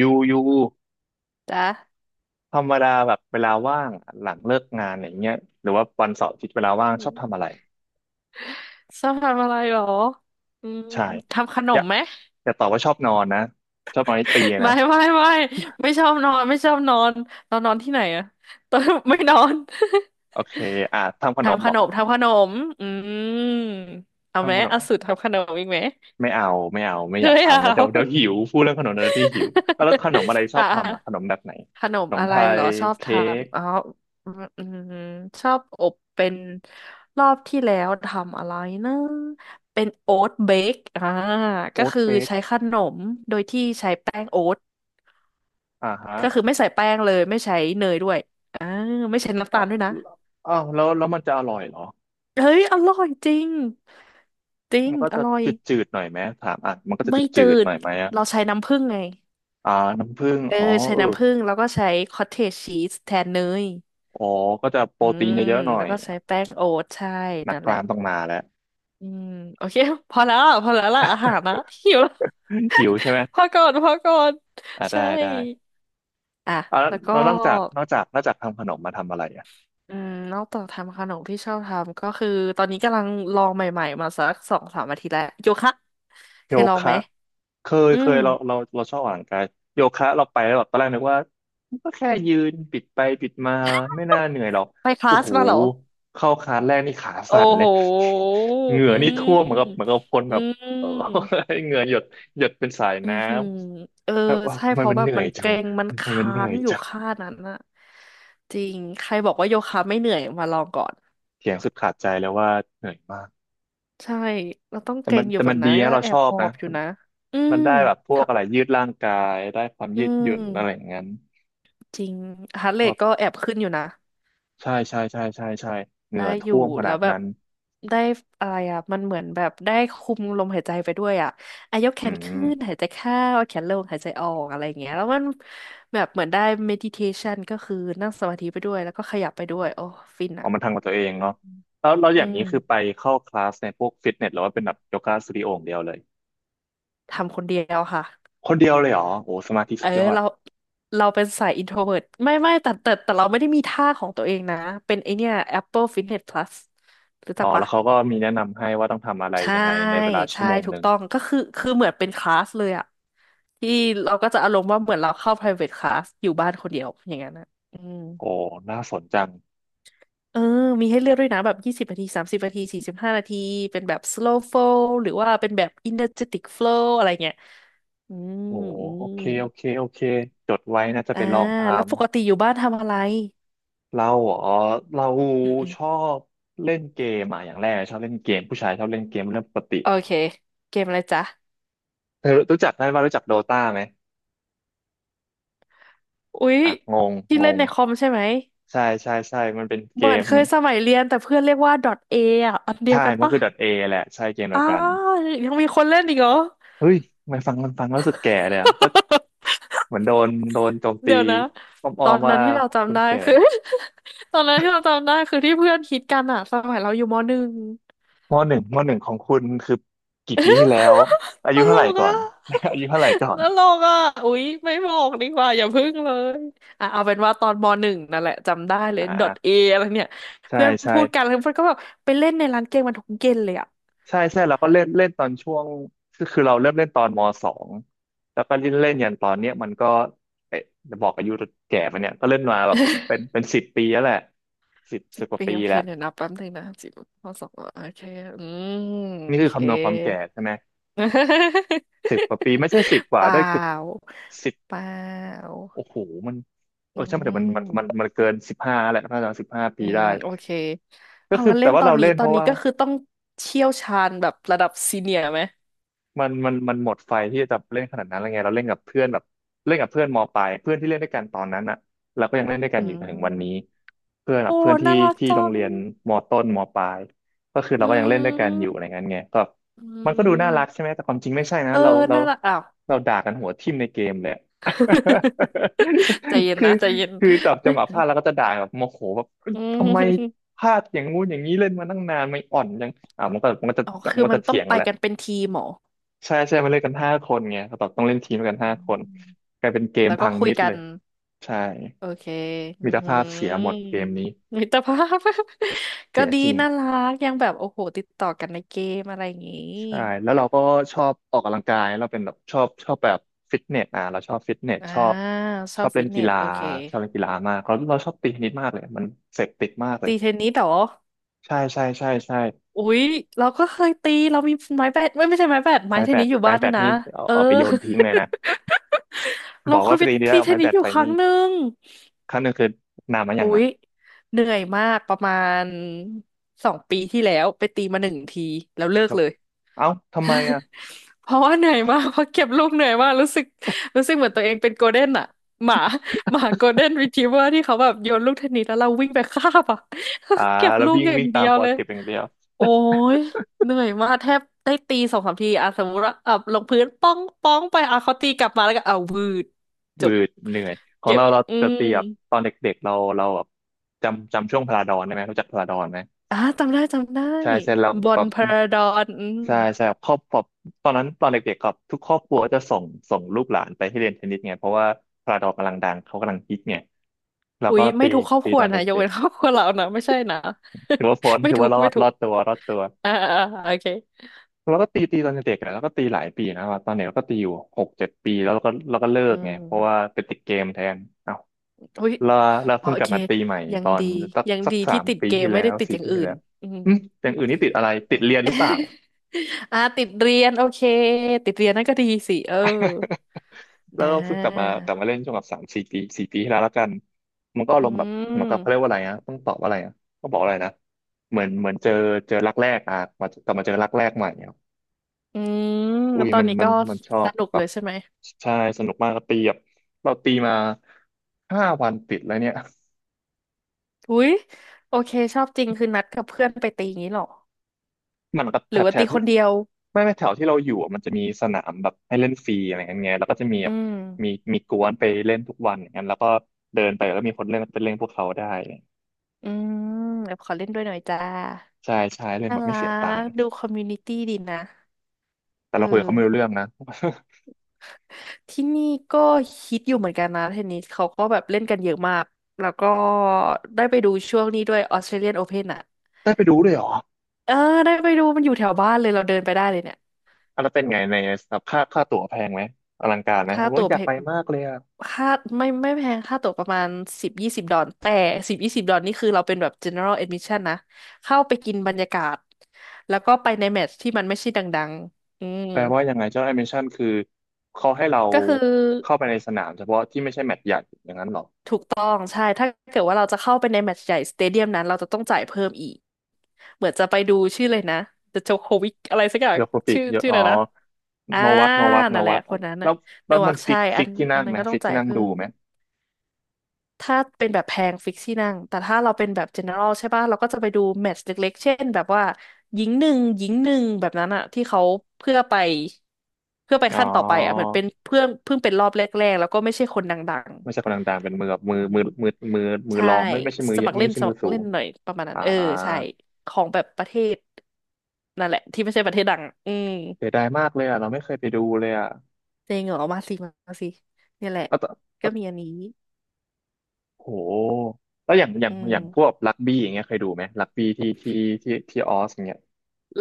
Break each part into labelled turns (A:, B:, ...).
A: ยู
B: จ้ะ
A: ธรรมดาแบบเวลาว่างหลังเลิกงานอย่างเงี้ยหรือว่าวันเสาร์อาทิตย์เวลาว่าง
B: อื
A: ชอบ
B: ม
A: ทำอะไร
B: ชอบทำอะไรหรออืม
A: ใช่
B: ทำขน
A: อ
B: ม
A: ย่า
B: ไหม
A: อย่าตอบว่าชอบนอนนะชอบนอนให้ตี
B: ไม่
A: นะ
B: ไม่ไม่ไม่ชอบนอนไม่ชอบนอนตอนนอนที่ไหนอะตอน ไม่นอน
A: โอเคอ่ะทำขนม
B: ทำข
A: เหมอ
B: นมทำขนมอืมเอาไหม
A: ทำขนม
B: เอาสูตรทำขนมอีกไหม
A: ไม่เอาไม่เอาไม่อ
B: เฮ้
A: ยาก
B: ย
A: ทำแล้ว
B: เอา
A: เดี๋ยวหิวพูดเรื่องขนมเดี๋ยวที่หิวอ่ะแล้วขนมอะไร ชอ
B: อ่ะ
A: บทำอ่ะขนมแบบไหน
B: ขนม
A: ขนม
B: อะ
A: ไท
B: ไรเหรอ
A: ย
B: ชอบท
A: เค้ก
B: ำอ๋ออืมอืมชอบอบเป็นรอบที่แล้วทำอะไรนะเป็นโอ๊ตเบคก็
A: โอ๊ต
B: คือ
A: เบก
B: ใช้ขนมโดยที่ใช้แป้งโอ๊ต
A: อ่าฮะ
B: ก็คือไม่ใส่แป้งเลยไม่ใช้เนยด้วยอ่าไม่ใช้น้ำ
A: อ่า
B: ตาลด้วยนะ
A: อ้าวแล้วมันจะอร่อยเหรอ
B: เฮ้ยอร่อยจริงจริ
A: มั
B: ง
A: นก็
B: อ
A: จะ
B: ร่อย
A: จืดๆหน่อยไหมถามอ่ะมันก็จะ
B: ไม่จื
A: จืดๆห
B: ด
A: น่อยไหมอ่ะ
B: เราใช้น้ำผึ้งไง
A: อ่าน้ำผึ้ง
B: เออ
A: อ๋อ
B: ใช้
A: เออ
B: น้ำผึ้งแล้วก็ใช้คอตเทจชีสแทนเนย
A: อ๋อก็จะโปร
B: อื
A: ตีน
B: ม
A: เยอะๆหน่อ
B: แล้ว
A: ย
B: ก็ใช้แป้งโอ๊ตใช่
A: นัก
B: นั่น
A: ก
B: แหละ
A: ลามต้องมาแล้ว
B: อืมโอเคพอแล้วพอแล้วล่ะอาหารนะหิวแล้ว
A: หิวใช่ไห
B: พอ
A: ม
B: ก่อนพอก่อน
A: อ่าได้
B: ใช่
A: ได้
B: อ่ะ
A: อ่าแล้
B: แล้วก็
A: วนอกจากนอกจากนอกจากทำขนมมาทำอะไรอ่ะ
B: อืมนอกจากทำขนมที่ชอบทำก็คือตอนนี้กำลังลองใหม่ๆมาสักสองสามอาทิตย์แล้วโยคะเค
A: โย
B: ยลองไห
A: คะ
B: ม
A: เคย
B: อื
A: เค
B: ม
A: ยเราชอบออกกำลังกายโยคะเราไปแล้วแบบตอนแรกนึกว่าก็แค่ยืนปิดไปปิดมาไม่น่าเหนื่อยหรอก
B: ไปคลา
A: โอ้
B: ส
A: โห
B: มาเหรอ
A: เข้าคลาสแรกนี่ขา
B: โอ้
A: สั่นเล
B: โห
A: ย เหงื่อ
B: อื
A: นี่ท่วมเหมือนกับเหมือน
B: ม
A: กับคน
B: อื
A: แบบเออ
B: ม
A: เหงื่อหยดหยดเป็นสาย
B: อื
A: น้
B: อหือเออ
A: ำ แบบว่า
B: ใช่
A: ทำไม
B: เพราะ
A: มัน
B: แบ
A: เห
B: บ
A: นื่อ
B: มั
A: ย
B: น
A: จั
B: เก
A: ง
B: ร็งมัน
A: ทำ
B: ค
A: ไมมัน
B: ้า
A: เหนื่อ
B: ง
A: ย
B: อยู่
A: จัง
B: ค่านั้นน่ะจริงใครบอกว่าโยคะไม่เหนื่อยมาลองก่อน
A: เถียงสุดขาดใจแล้วว่าเหนื่อยมาก
B: ใช่เราต้อง
A: แต่
B: เกร็
A: มั
B: ง
A: น
B: อยู่
A: แต่
B: แบ
A: มั
B: บ
A: น
B: นั้
A: ดี
B: นก็
A: นะเรา
B: แอ
A: ช
B: บ
A: อ
B: ห
A: บ
B: อ
A: นะ
B: บอยู่
A: มัน
B: นะอื
A: มัน
B: ม
A: ได้แบบพวก
B: ถ้า
A: อะไรยืดร่างกายได้ความ
B: อื
A: ยืดหยุ่นอะไรอย่า
B: ม
A: งนั้น
B: จริงฮาร์ทเร
A: ชอ
B: ท
A: บ
B: ก็แอบขึ้นอยู่นะ
A: ใช่ใช่ใช่ใช่ใช่เหงื่
B: ได้
A: อ
B: อ
A: ท่
B: ยู่
A: วมข
B: แล้
A: นา
B: ว
A: ด
B: แบบ
A: นั้น
B: ได้อะไรมันเหมือนแบบได้คุมลมหายใจไปด้วยอายกแข
A: อื
B: นขึ้น
A: ม
B: หายใจเข้าเอาแขนลงหายใจออกอะไรอย่างเงี้ยแล้วมันแบบเหมือนได้ meditation ก็คือนั่งสมาธิไปด้วยแล้วก็ขยับไปด้วยโอ้ฟิน
A: เอามันทำกับตัวเอง
B: อื
A: เนาะ
B: ม
A: แล้วเราอ
B: อื
A: ย่าง
B: ม
A: นี้คือไปเข้าคลาสในพวกฟิตเนสหรือว่าเป็นแบบโยคะสตูดิโออย่างเดียวเลย
B: ทำคนเดียวค่ะ
A: คนเดียวเลยเหรอโอ้สมาธิ
B: เอ
A: สุ
B: อ
A: ดยอด
B: เราเป็นสาย introvert ไม่ไม่แต่เราไม่ได้มีท่าของตัวเองนะเป็นไอเนี้ย Apple Fitness Plus รู้
A: อ๋
B: จั
A: อ
B: ก
A: แล้
B: ปะ
A: วเขาก็มีแนะนำให้ว่าต้องทำอะไร
B: ใช่
A: ยังไงในเวลาชั่
B: ใช่
A: วโมง
B: ถู
A: ห
B: ก
A: นึ่ง
B: ต้องก็คือคือเหมือนเป็นคลาสเลยอะที่เราก็จะอารมณ์ว่าเหมือนเราเข้า private class อยู่บ้านคนเดียวอย่างนั้นอะอืม
A: โอ้น่าสนจัง
B: เออมีให้เลือกด้วยนะแบบ20 นาที30 นาที45 นาทีเป็นแบบ slow flow หรือว่าเป็นแบบ energetic flow อะไรเงี้ยอืม
A: โอ้
B: อื
A: โอ
B: ม
A: เคโอเคโอเคจดไว้นะจะ
B: อ่า
A: ไปลองทำ
B: แล้วปกติอยู่บ้านทำอะไร
A: เราอ๋อเรา
B: อืมอืม
A: ชอบเล่นเกมอ่ะอย่างแรกชอบเล่นเกมผู้ชายชอบเล่นเกมเรื่องปกติ
B: โอเคเกมอะไรจ๊ะ
A: เธอรู้จักได้ว่ารู้จักโดตาไหม
B: อุ๊ย
A: อ่ะงง
B: ที่
A: ง
B: เล่น
A: ง
B: ในคอมใช่ไหม
A: ใช่ใช่ใช่มันเป็นเก
B: เหมือน
A: ม
B: เคยสมัยเรียนแต่เพื่อนเรียกว่า .a อ่ะอันเดีย
A: ใช่
B: วกัน
A: มัน
B: ปะ
A: คือ .A แหละใช่เกมเดี
B: อ้า
A: ยวกัน
B: วยังมีคนเล่นอีกเหรอ
A: เฮ้ยทำไมนฟังมันฟังแล้วรู้สึกแก่เลยอะก็ เหมือนโดนโจมตี
B: เดี๋ยวนะต
A: อ้อ
B: อ
A: ม
B: น
A: ๆ
B: นั้
A: ว่า
B: นที่เรา
A: คุ
B: จำ
A: ณ
B: ได้
A: แก่
B: คือ ตอนนั้นที่เราจำได้คือที่เพื่อนคิดกันอะสมัยเราอยู่มหนึ่ง
A: มหนึ่งของคุณคือกี่ปีที่แล้วอา
B: ต
A: ยุ
B: ล
A: เท่าไหร่
B: ก
A: ก่อ
B: อะ
A: น อายุเท่าไหร่ก่อ
B: ต
A: น
B: ลกอะอุ๊ยไม่บอกดีกว่าอย่าพึ่งเลยอ่ะเอาเป็นว่าตอนมหนึ่งนั่นแหละจำได้เล
A: อ่
B: ยดอ
A: า
B: ทเออะไรเนี่ย
A: ใช่
B: เพื่อน
A: ใช่
B: พูดกันแล้วเพื่อนก็แบบไปเล่นในร้านเกมมันทุกเย็นเลยอะ
A: ใช่ใช่แล้วก็เล่นเล่นตอนช่วงคือเราเริ่มเล่นตอนมสองแล้วก็เล่นเล่นยันตอนเนี้ยมันก็เอ๊ะจะบอกอายุแก่ไปะเนี่ยก็เล่นมาแบบเป็น เป็นสิบปีแล้วแหละสิบ
B: สิ
A: สิบ
B: บ
A: กว่า
B: ปี
A: ปี
B: โอเค
A: แล้ว
B: เดี๋ยวนับแป๊บนึงนะสิบข้อสองโอเคอืม
A: นี่
B: โอ
A: คือ
B: เค
A: คำนวณความแก่ใช่ไหมสิบกว่า ปีไม่ใช่สิบก
B: เป
A: ว่า
B: ล่
A: ได้เกือบ
B: า
A: สิบ
B: เปล่า
A: โอ้โหมันเอ
B: อื
A: อใช่ไหมแต่มันมันมัน
B: ม
A: มันเกินสิบห้าแหละน่าจะสิบห้า
B: อื
A: ปี
B: ม
A: ได้
B: โอเค
A: ก็
B: เอา
A: คือ
B: งั้นเล่
A: แต่
B: น
A: ว่า
B: ตอน
A: เรา
B: นี้
A: เล่น
B: ตอ
A: เพ
B: น
A: ราะ
B: นี้
A: ว่า
B: ก็คือต้องเชี่ยวชาญแบบระดับซีเนียร์ไหม
A: มันหมดไฟที่จะเล่นขนาดนั้นแล้วไงเราเล่นกับเพื่อนแบบเล่นกับเพื่อนมปลายเพื่อนที่เล่นด้วยกันตอนนั้นอ่ะเราก็ยังเล่นด้วยกั
B: อื
A: นอยู่จนถึงวันนี้
B: ม
A: เพื่อนแบบ
B: โอ้
A: เพื่อนที่
B: น่ารัก
A: ที่โร
B: จั
A: ง
B: ง
A: เรียนมต้นมปลายก็คือเรา
B: อื
A: ก็ยังเล่นด้วยกันอยู่อะไร
B: ม
A: เงี้ยไงก็
B: อื
A: มันก็ดูน่ารักใช่
B: ม
A: ไหมแต่ความจริงไม่ใช่นะ
B: เออ
A: เรา
B: น่ารักอ้าว
A: เราด่ากันหัวทิ่มในเกมเลยอะ
B: ใจเย็น
A: คือ
B: นะใจเย็น
A: คือจับจังหวะพลาดแล้วก็จะด่าแบบโมโหแบบ
B: อื
A: ทำไม
B: ม
A: พลาดอย่างงู้นอย่างนี้เล่นมาตั้งนานไม่อ่อนยังอ่ะมันก็จะ
B: อ๋อ
A: มั
B: คื
A: น
B: อ
A: ก็
B: มั
A: จะ
B: นต้อ
A: เถี
B: ง
A: ยง
B: ไป
A: แหละ
B: กันเป็นทีมเหรอ
A: ใช่ใช่มาเล่นกันห้าคนไงเขาบอกต้องเล่นทีม
B: อื
A: กันห้าคน
B: ม
A: กลายเป็นเกม
B: แล้วก็
A: พัง
B: คุย
A: มิด
B: กั
A: เล
B: น
A: ยใช่
B: โอเค
A: มิ
B: อือ
A: ตร
B: หื
A: ภาพเสียหมด
B: อ
A: เกมนี้
B: มิตรภาพ ก็
A: เสีย
B: ดี
A: จริง
B: น่ารักยังแบบโอ้โหติดต่อกันในเกมอะไรอย่างงี้
A: ใช่แล้วเราก็ชอบออกกำลังกายเราเป็นแบบชอบแบบฟิตเนสอ่ะเราชอบฟิตเนส
B: อ่า
A: ชอบ
B: ช
A: ช
B: อ
A: อ
B: บ
A: บเล่
B: ฟิ
A: น
B: ตเน
A: กี
B: ส
A: ฬา
B: โอเค
A: ชอบเล่นกีฬามากเราชอบตีเทนนิสมากเลยมันเสพติดมากเลย
B: ตีเทนนิสเหรอ
A: ใช่ใช่ใช่ใช่
B: อุ๊ยเราก็เคยตีเรามีไม้แบดไม่ไม่ใช่ไม้แบดไม้
A: ไม้
B: เท
A: แบ
B: นนิ
A: ด
B: สอยู่
A: ไม้
B: บ้าน
A: แบ
B: ด้วย
A: ด
B: นะ
A: นี่เอา
B: เออ
A: เอาไปโยนทิ้งเลยนะ บ
B: เรา
A: อก
B: เค
A: ว่า
B: ย
A: ไป
B: ไป
A: ตีเดียว
B: ตี
A: เอา
B: เท
A: ไม้
B: นนิ
A: แบ
B: ส
A: ด
B: อยู่
A: ไป
B: ครั้
A: นี่
B: งหนึ่ง
A: ครั้งหนึ่งคือนานมาอย่า
B: อุ๊
A: งนะ
B: ยเหนื่อยมากประมาณ2 ปีที่แล้วไปตีมาหนึ่งทีแล้วเลิก
A: แบบ
B: เลย
A: เอ้าทำไมอ่ะ
B: เพราะว่าเหนื่อยมากเพราะเก็บลูกเหนื่อยมากรู้สึกเหมือนตัวเองเป็นโกลเด้นอะหมาหมาโกลเด้นรีทรีเวอร์ที่เขาแบบโยนลูกเทนนิสแล้วเราวิ่งไปคาบอะ
A: อ่า
B: เก็บ
A: แล้ว
B: ลูก
A: วิ่ง
B: อย่า
A: วิ่
B: ง
A: งตา
B: เดี
A: ม
B: ยว
A: ปอ
B: เลย
A: เทปอย่างเดียว
B: โอ้ยเหนื่อยมากแทบได้ตีสองสามทีอะสมมติว่าอ่ะลงพื้นป้องป้องไปเขาตีกลับมาแล้วก็เอาวืดจ
A: วื
B: บ
A: ดเหนื่อยของ
B: เก็บ
A: เรา
B: อื
A: จะ
B: ม
A: ตีแบบตอนเด็กๆเราแบบจำช่วงพลาดอนได้ไหมรู้จักพลาดอนไหม
B: อ่ะจำได้จำได้
A: ใช่ใช่แล้ว
B: บอ
A: แบ
B: ล
A: บ
B: พาราดอนอืม
A: ใช่ใช่ครอบตอนนั้นตอนเด็กๆครับทุกครอบครัวจะส่งลูกหลานไปให้เรียนเทนนิสไงเพราะว่าพลาดอนกำลังดังเขากำลังฮิตไงเรา
B: อุ๊
A: ก็
B: ยไม่
A: ตี
B: ถูกครอบ
A: ตี
B: ครัว
A: ตอนเด็
B: นะยกเว้
A: ก
B: นครอบครัวเรานะไม่ใช่นะ
A: ๆถือว่าพ้น
B: ไม่
A: ถือ
B: ถู
A: ว่า
B: ก
A: รอ
B: ไม่
A: ด
B: ถู
A: ร
B: ก
A: อดตัวรอดตัว
B: อ่าอ่าอ่าโอเค
A: เราก็ตีตอนเด็กๆอะแล้วก็ตีหลายปีนะครับตอนเด็กเราก็ตีอยู่6-7 ปีแล้วเราก็เลิ
B: อื
A: กไงเพราะว่า
B: ม
A: ไปติดเกมแทน
B: อุ้ย
A: ลาลา
B: อ๋อ
A: เพิ่ง
B: โอ
A: กลับ
B: เค
A: มาตีใหม่
B: ยั
A: ต
B: ง
A: อน
B: ดี
A: สัก
B: ยัง
A: สัก
B: ดี
A: สา
B: ที่
A: ม
B: ติด
A: ปี
B: เกม
A: ที่
B: ไม่
A: แล้
B: ได้
A: ว
B: ติด
A: สี่
B: อย่าง
A: ปี
B: อื่
A: ที่
B: น
A: แล้ว
B: อืม
A: อืมอย่างอื่นนี่ติดอะไรติดเรียนหรือเปล่า
B: อ่าติดเรียนโอเคติดเรียนนั่นก็ดีสิเออ
A: แล้
B: น
A: วก็เพิ่งกลับมา
B: ะ
A: กลับมาเล่นช่วงแบบ3-4 ปีสี่ปีที่แล้วแล้วกันมันก็อา
B: อื
A: รมณ์แบบเหมือนกับเขาเรียก
B: ม
A: ว่าอะไรนะต้องตอบว่าอะไรอ่ะก็บอกอะไรนะเหมือนเจอรักแรกอ่ะมากลับมาเจอรักแรกใหม่เนี่ย
B: อืม
A: อุ้ย
B: ตอน
A: มัน
B: นี้
A: มัน
B: ก็
A: มันชอ
B: ส
A: บ
B: นุก
A: แบ
B: เล
A: บ
B: ยใช่ไหม
A: ใช่สนุกมากตีแบบเราตีมา5 วันติดแล้วเนี่ย
B: อุ้ยโอเคชอบจริงคือนัดกับเพื่อนไปตีงี้เหรอ
A: มันก็
B: ห
A: แท
B: รือ
A: บ
B: ว่า
A: แท
B: ตี
A: บ ไม
B: คนเดียว
A: ่ไม่แถวที่เราอยู่อะมันจะมีสนามแบบให้เล่นฟรีอะไรเงี้ยไงแล้วก็จะมีแบ
B: อื
A: บ
B: ม
A: มีมีกวนไปเล่นทุกวันอย่างนั้นแล้วก็เดินไปแล้วมีคนเล่นก็ไปเล่นพวกเขาได้
B: อืมแบบขอเล่นด้วยหน่อยจ้า
A: ใช่ใช่เล่น
B: น่า
A: แบบไม่
B: รั
A: เสียตัง
B: ก
A: ค์
B: ดูคอมมูนิตี้ดีนะ
A: แต่
B: เออ
A: เราคุยกับเขาไม่รู้เรื่องนะ
B: ที่นี่ก็ฮิตอยู่เหมือนกันนะเทนนิสเขาก็แบบเล่นกันเยอะมากแล้วก็ได้ไปดูช่วงนี้ด้วยออสเตรเลียนโอเพนอ่ะ
A: ได้ไปดูด้วยเหรอ
B: เออได้ไปดูมันอยู่แถวบ้านเลยเราเดินไปได้เลยเนี่ย
A: อะแล้วเป็นไงในแบบค่าตั๋วแพงไหมอลังการไหมผ
B: ค่า
A: ม
B: ตั๋ว
A: อ
B: แพ
A: ยากไป
B: ง
A: มากเลยอะ
B: ค่าไม่ไม่แพงค่าตั๋วประมาณสิบยี่สิบดอลลาร์แต่สิบยี่สิบดอลลาร์นี่คือเราเป็นแบบ general admission นะเข้าไปกินบรรยากาศแล้วก็ไปในแมตช์ที่มันไม่ใช่ดังๆอืม
A: แปลว่ายังไงเจ้าแอนิเมชันคือเขาให้เรา
B: ก็คือ
A: เข้าไปในสนามเฉพาะที่ไม่ใช่แมตช์ใหญ่อย่างนั้นเหรอ
B: ถูกต้องใช่ถ้าเกิดว่าเราจะเข้าไปในแมตช์ใหญ่สเตเดียมนั้นเราจะต้องจ่ายเพิ่มอีกเหมือนจะไปดูชื่อเลยนะเดโจโควิกอะไรสักอย่าง
A: โยโคปิ
B: ชื่อ
A: โย
B: ชื่ออะ
A: อ๋
B: ไร
A: อ
B: นะอ่า
A: โนวัตโนวัตโน
B: นั่นแหละ
A: วัต
B: คนนั้น
A: แล้
B: น่ะ
A: ว
B: โน
A: แล้ว
B: วั
A: มัน
B: ค
A: ฟิ
B: ใช่
A: ก
B: อั
A: ฟิก
B: น
A: ที่
B: อั
A: นั่
B: น
A: ง
B: นั้
A: ไหม
B: นก็ต้อ
A: ฟิ
B: ง
A: ก
B: จ่า
A: ที่
B: ย
A: นั่ง
B: เพิ่
A: ดู
B: ม
A: ไหม
B: ถ้าเป็นแบบแพงฟิกที่นั่งแต่ถ้าเราเป็นแบบ general ใช่ป่ะเราก็จะไปดูแมตช์เล็กๆเช่นแบบว่าหญิงหนึ่งหญิงหนึ่งแบบนั้นอะที่เขาเพื่อไปเพื่อไป
A: อ๋อ
B: ขั้นต่อไปอะเหมือนเป็นเพื่อนเพิ่งเป็นรอบแรกๆแล้วก็ไม่ใช่คนดัง
A: ไม่ใช่คนดังๆเป็นมือแบบ
B: ๆ
A: มื
B: อื
A: อ
B: ม
A: มือมือมือมือ
B: ใช่
A: รองไม่ใช่มือ
B: สมัครเล่
A: ไม่
B: น
A: ใช่
B: ส
A: มื
B: มั
A: อ
B: ค
A: สู
B: รเล่
A: ง
B: นหน่อยประมาณนั้น
A: อ่า
B: เออใช่ของแบบประเทศนั่นแหละที่ไม่ใช่ประเทศดังอืม
A: เสียดายมากเลยอ่ะเราไม่เคยไปดูเลยอ่ะ
B: เจงเหรอมาสิมาสิเนี่ยแหละ
A: แล้วตอ
B: ก็
A: แล้ว
B: มีอันนี้
A: โหแล้วอย่างอย่า
B: อื
A: ง
B: ม
A: อย่างพวกรักบี้อย่างเงี้ยเคยดูไหมรักบี้ที่ออสอย่างเงี้ย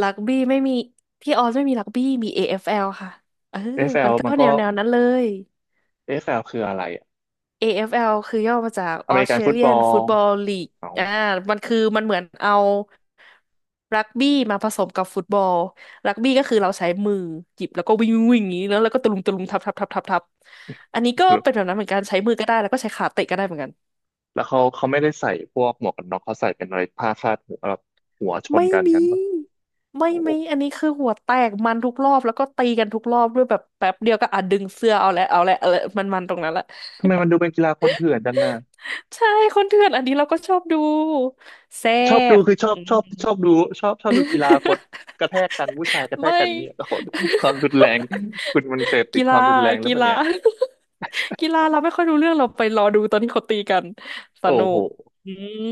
B: รักบี้ไม่มีที่ออสไม่มีรักบี้มี AFL ค่ะเออ
A: เอเอฟแ f
B: มั
A: ล
B: นก็
A: มัน
B: แน
A: ก็
B: วแนวนั้นเลย
A: เอเอฟแ f ลคืออะไรอะ
B: AFL คือย่อมาจาก
A: อเมริกันฟุตบอ
B: Australian
A: ล
B: Football League
A: เอ้า
B: อ่ามันคือมันเหมือนเอารักบี้มาผสมกับฟุตบอลรักบี้ก็คือเราใช้มือหยิบแล้วก็วิ่งวิ่งอย่างนี้แล้วแล้วก็ตะลุมตะลุมทับทับทับทับทับอันนี้ก็เป็นแบบนั้นเหมือนกันใช้มือก็ได้แล้วก็ใช้ขาเตะก็ได้เหมือนกัน
A: แล้วเขาไม่ได้ใส่พวกหมวกกันน็อกเขาใส่เป็นอะไรผ้าคาดหัวแบบหัวชน
B: ไม่
A: กัน
B: มี
A: งั้นปะ
B: ไม่
A: โอ้
B: มีอันนี้คือหัวแตกมันทุกรอบแล้วก็ตีกันทุกรอบด้วยแบบแป๊บเดียวก็อ่ะดึงเสื้อเอาและเอาและเอาละมันตรงนั้นแหละ
A: ทำไมมันดูเป็นกีฬาคนเถื่อนจังอ่ะ
B: ใช่คนเถื่อนอันนี้เราก็ชอบดูแซ่
A: ชอบดู
B: บ
A: คือชอบ
B: อื
A: ชอบชอบ
B: ม
A: ดูชอบดูกีฬาคนกระแทกกันผู้ชายก ระแทก
B: ไม่
A: กัน เนี่ยโอ้โหความรุนแรงคุณมันเสพติ
B: กี
A: ดค
B: ฬา
A: วามรุนแรงหรือ
B: กี
A: เปล่า
B: ฬา
A: เนี่ย
B: กีฬาเราไม่ค่อยรู้เรื่องเราไปรอดูตอนที่เขาตีกันส
A: โอ้
B: นุ
A: โห
B: กอืม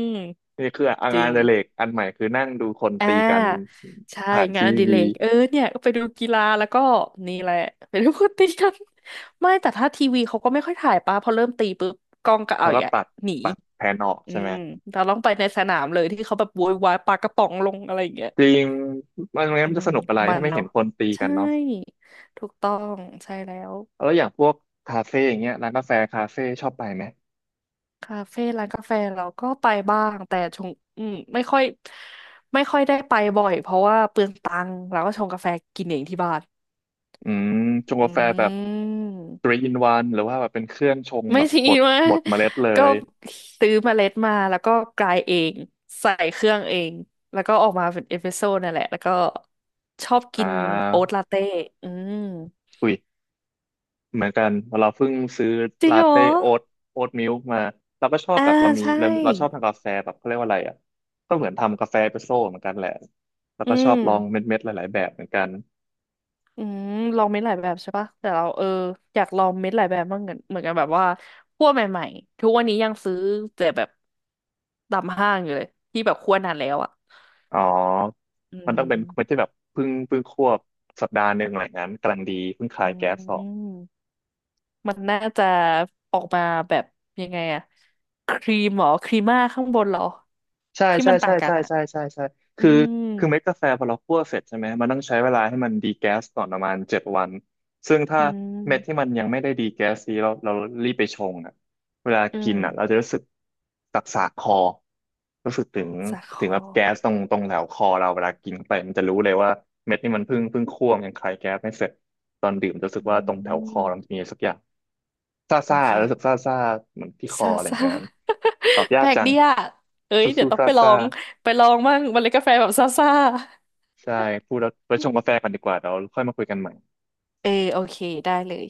A: นี่คืออ่ะ
B: จ
A: งา
B: ริ
A: น
B: ง
A: อดิเรกอันใหม่คือนั่งดูคน
B: อ่
A: ตีกัน
B: าใช่
A: ผ่าน
B: งาน
A: ที
B: อดิเร
A: วี
B: กเออเนี่ยก็ไปดูกีฬาแล้วก็นี่แหละไปดูคนตีกัน ไม่แต่ถ้าทีวีเขาก็ไม่ค่อยถ่ายปะพอเริ่มตีปุ๊บกล้องก็เอา
A: เขาก็
B: อย่า
A: ตัด
B: หนี
A: ตัดแผนออก
B: อื
A: ใช่ไหม
B: มเราต้องไปในสนามเลยที่เขาแบบโวยวายปากระป๋องลงอะไรอย่างเงี้ย
A: จริงมัน
B: อื
A: ไมัน
B: ม
A: จะสนุกอะไร
B: มั
A: ถ้า
B: น
A: ไม่เห็
B: เนาะ
A: นคนตีกั
B: ใช่
A: นเนาะ
B: ถูกต้องใช่แล้ว
A: แล้วอย่างพวกคาเฟ่อย่างเงี้ยร้านกาแฟคาเฟ่ชอบไปไหม
B: คาเฟ่ร้านกาแฟเราก็ไปบ้างแต่ชงอืมไม่ค่อยได้ไปบ่อยเพราะว่าเปลืองตังค์เราก็ชงกาแฟกินเองที่บ้าน
A: อืมชง
B: อื
A: กาแฟแบบ t รี
B: ม
A: e e in o หรือว่าแบบเป็นเครื่องชง
B: ไม่
A: แบบ
B: ทิ้
A: บ
B: ง
A: ด
B: วะ
A: บดเมล็ดเล
B: ก็
A: ย
B: ซื้อเมล็ดมาแล้วก็กรายเองใส่เครื่องเองแล้วก็ออกมาเป็นเอสเปรสโซ่นั่นแหละแล้วก็ชอบ
A: อ่
B: กินโอ๊
A: า
B: ตลาเต้อืม
A: อุ้ยเหมือนกันเราเพิ่งซื้อ
B: จริง
A: ลา
B: เหรอ
A: เต้โอ๊ตโอ๊ตมิลค์มาเราก็ชอบ
B: อ่า
A: แบบเรามี
B: ใช่
A: เราชอบทำกาแฟแบบเขาเรียกว่าอะไรอ่ะก็เหมือนทำกาแฟเอสเปรสโซ่เหมือนกันแหละแล้ว
B: อื
A: ก็ชอบ
B: ม
A: ลองเม็ดๆหลายๆแบบเหมือนกัน
B: อืมลองเม็ดหลายแบบใช่ปะแต่เราเอออยากลองเม็ดหลายแบบบ้างเหมือนกันแบบว่าคั่วใหม่ๆทุกวันนี้ยังซื้อเจอแบบตามห้างอยู่เลยที่แบบคั่วนานแล้วอ่ะ
A: อ๋อ
B: อื
A: มันต้องเป็นไม่
B: ม
A: ใช่แบบเพิ่งควบสัปดาห์หนึ่งอะไรอย่างนั้นกำลังดีเพิ่งคลาย
B: อื
A: แก๊สออก
B: มมันน่าจะออกมาแบบยังไงอะครีมเหรอครีม่าข้างบนเหรอ
A: ใช่
B: ที่
A: ใช่
B: มันต่า
A: ใช่
B: งกัน
A: ใช่
B: อะ
A: ใช่ใช่ใช่
B: อื
A: คือ
B: ม
A: คือเม็ดกาแฟพอเราคั่วเสร็จใช่ไหมมันต้องใช้เวลาให้มันดีแก๊สก่อนประมาณ7 วันซึ่งถ้า
B: อื
A: เม็ดที่
B: ม
A: มันยังไม่ได้ดีแก๊สดีเรารีบไปชงอ่ะเวลา
B: อื
A: กิ
B: ม
A: นอ่ะเราจะรู้สึกสักสากคอรู้สึกถึง
B: สาค
A: แบ
B: อ
A: บแก๊สตรงแถวคอเราเวลากินไปมันจะรู้เลยว่าเม็ดนี่มันเพิ่งคั่วมันยังคลายแก๊สไม่เสร็จตอนดื่มจะรู้สึก
B: อื
A: ว่าตรงแถวคอเรามัน
B: ม
A: มีสักอย่างซ่า
B: โอ
A: ซ่า
B: เค
A: รู้สึกซ่าซ่าเหมือนที่คอ
B: ซา
A: อะไรอย่า
B: ซา
A: งง้นตอบ ยา
B: แป
A: ก
B: ลก
A: จัง
B: ดีอ่ะเอ้ย
A: สู้
B: เดี๋
A: สู้
B: ยวต้อง
A: ซ่า
B: ไปลอ
A: ซ่า
B: งไปลองบ้างเมล็ดกาแฟแบบซาซา
A: ใช่พูดแล้วไปชงกาแฟกันดีกว่าเราค่อยมาคุยกันใหม่
B: เออโอเคได้เลย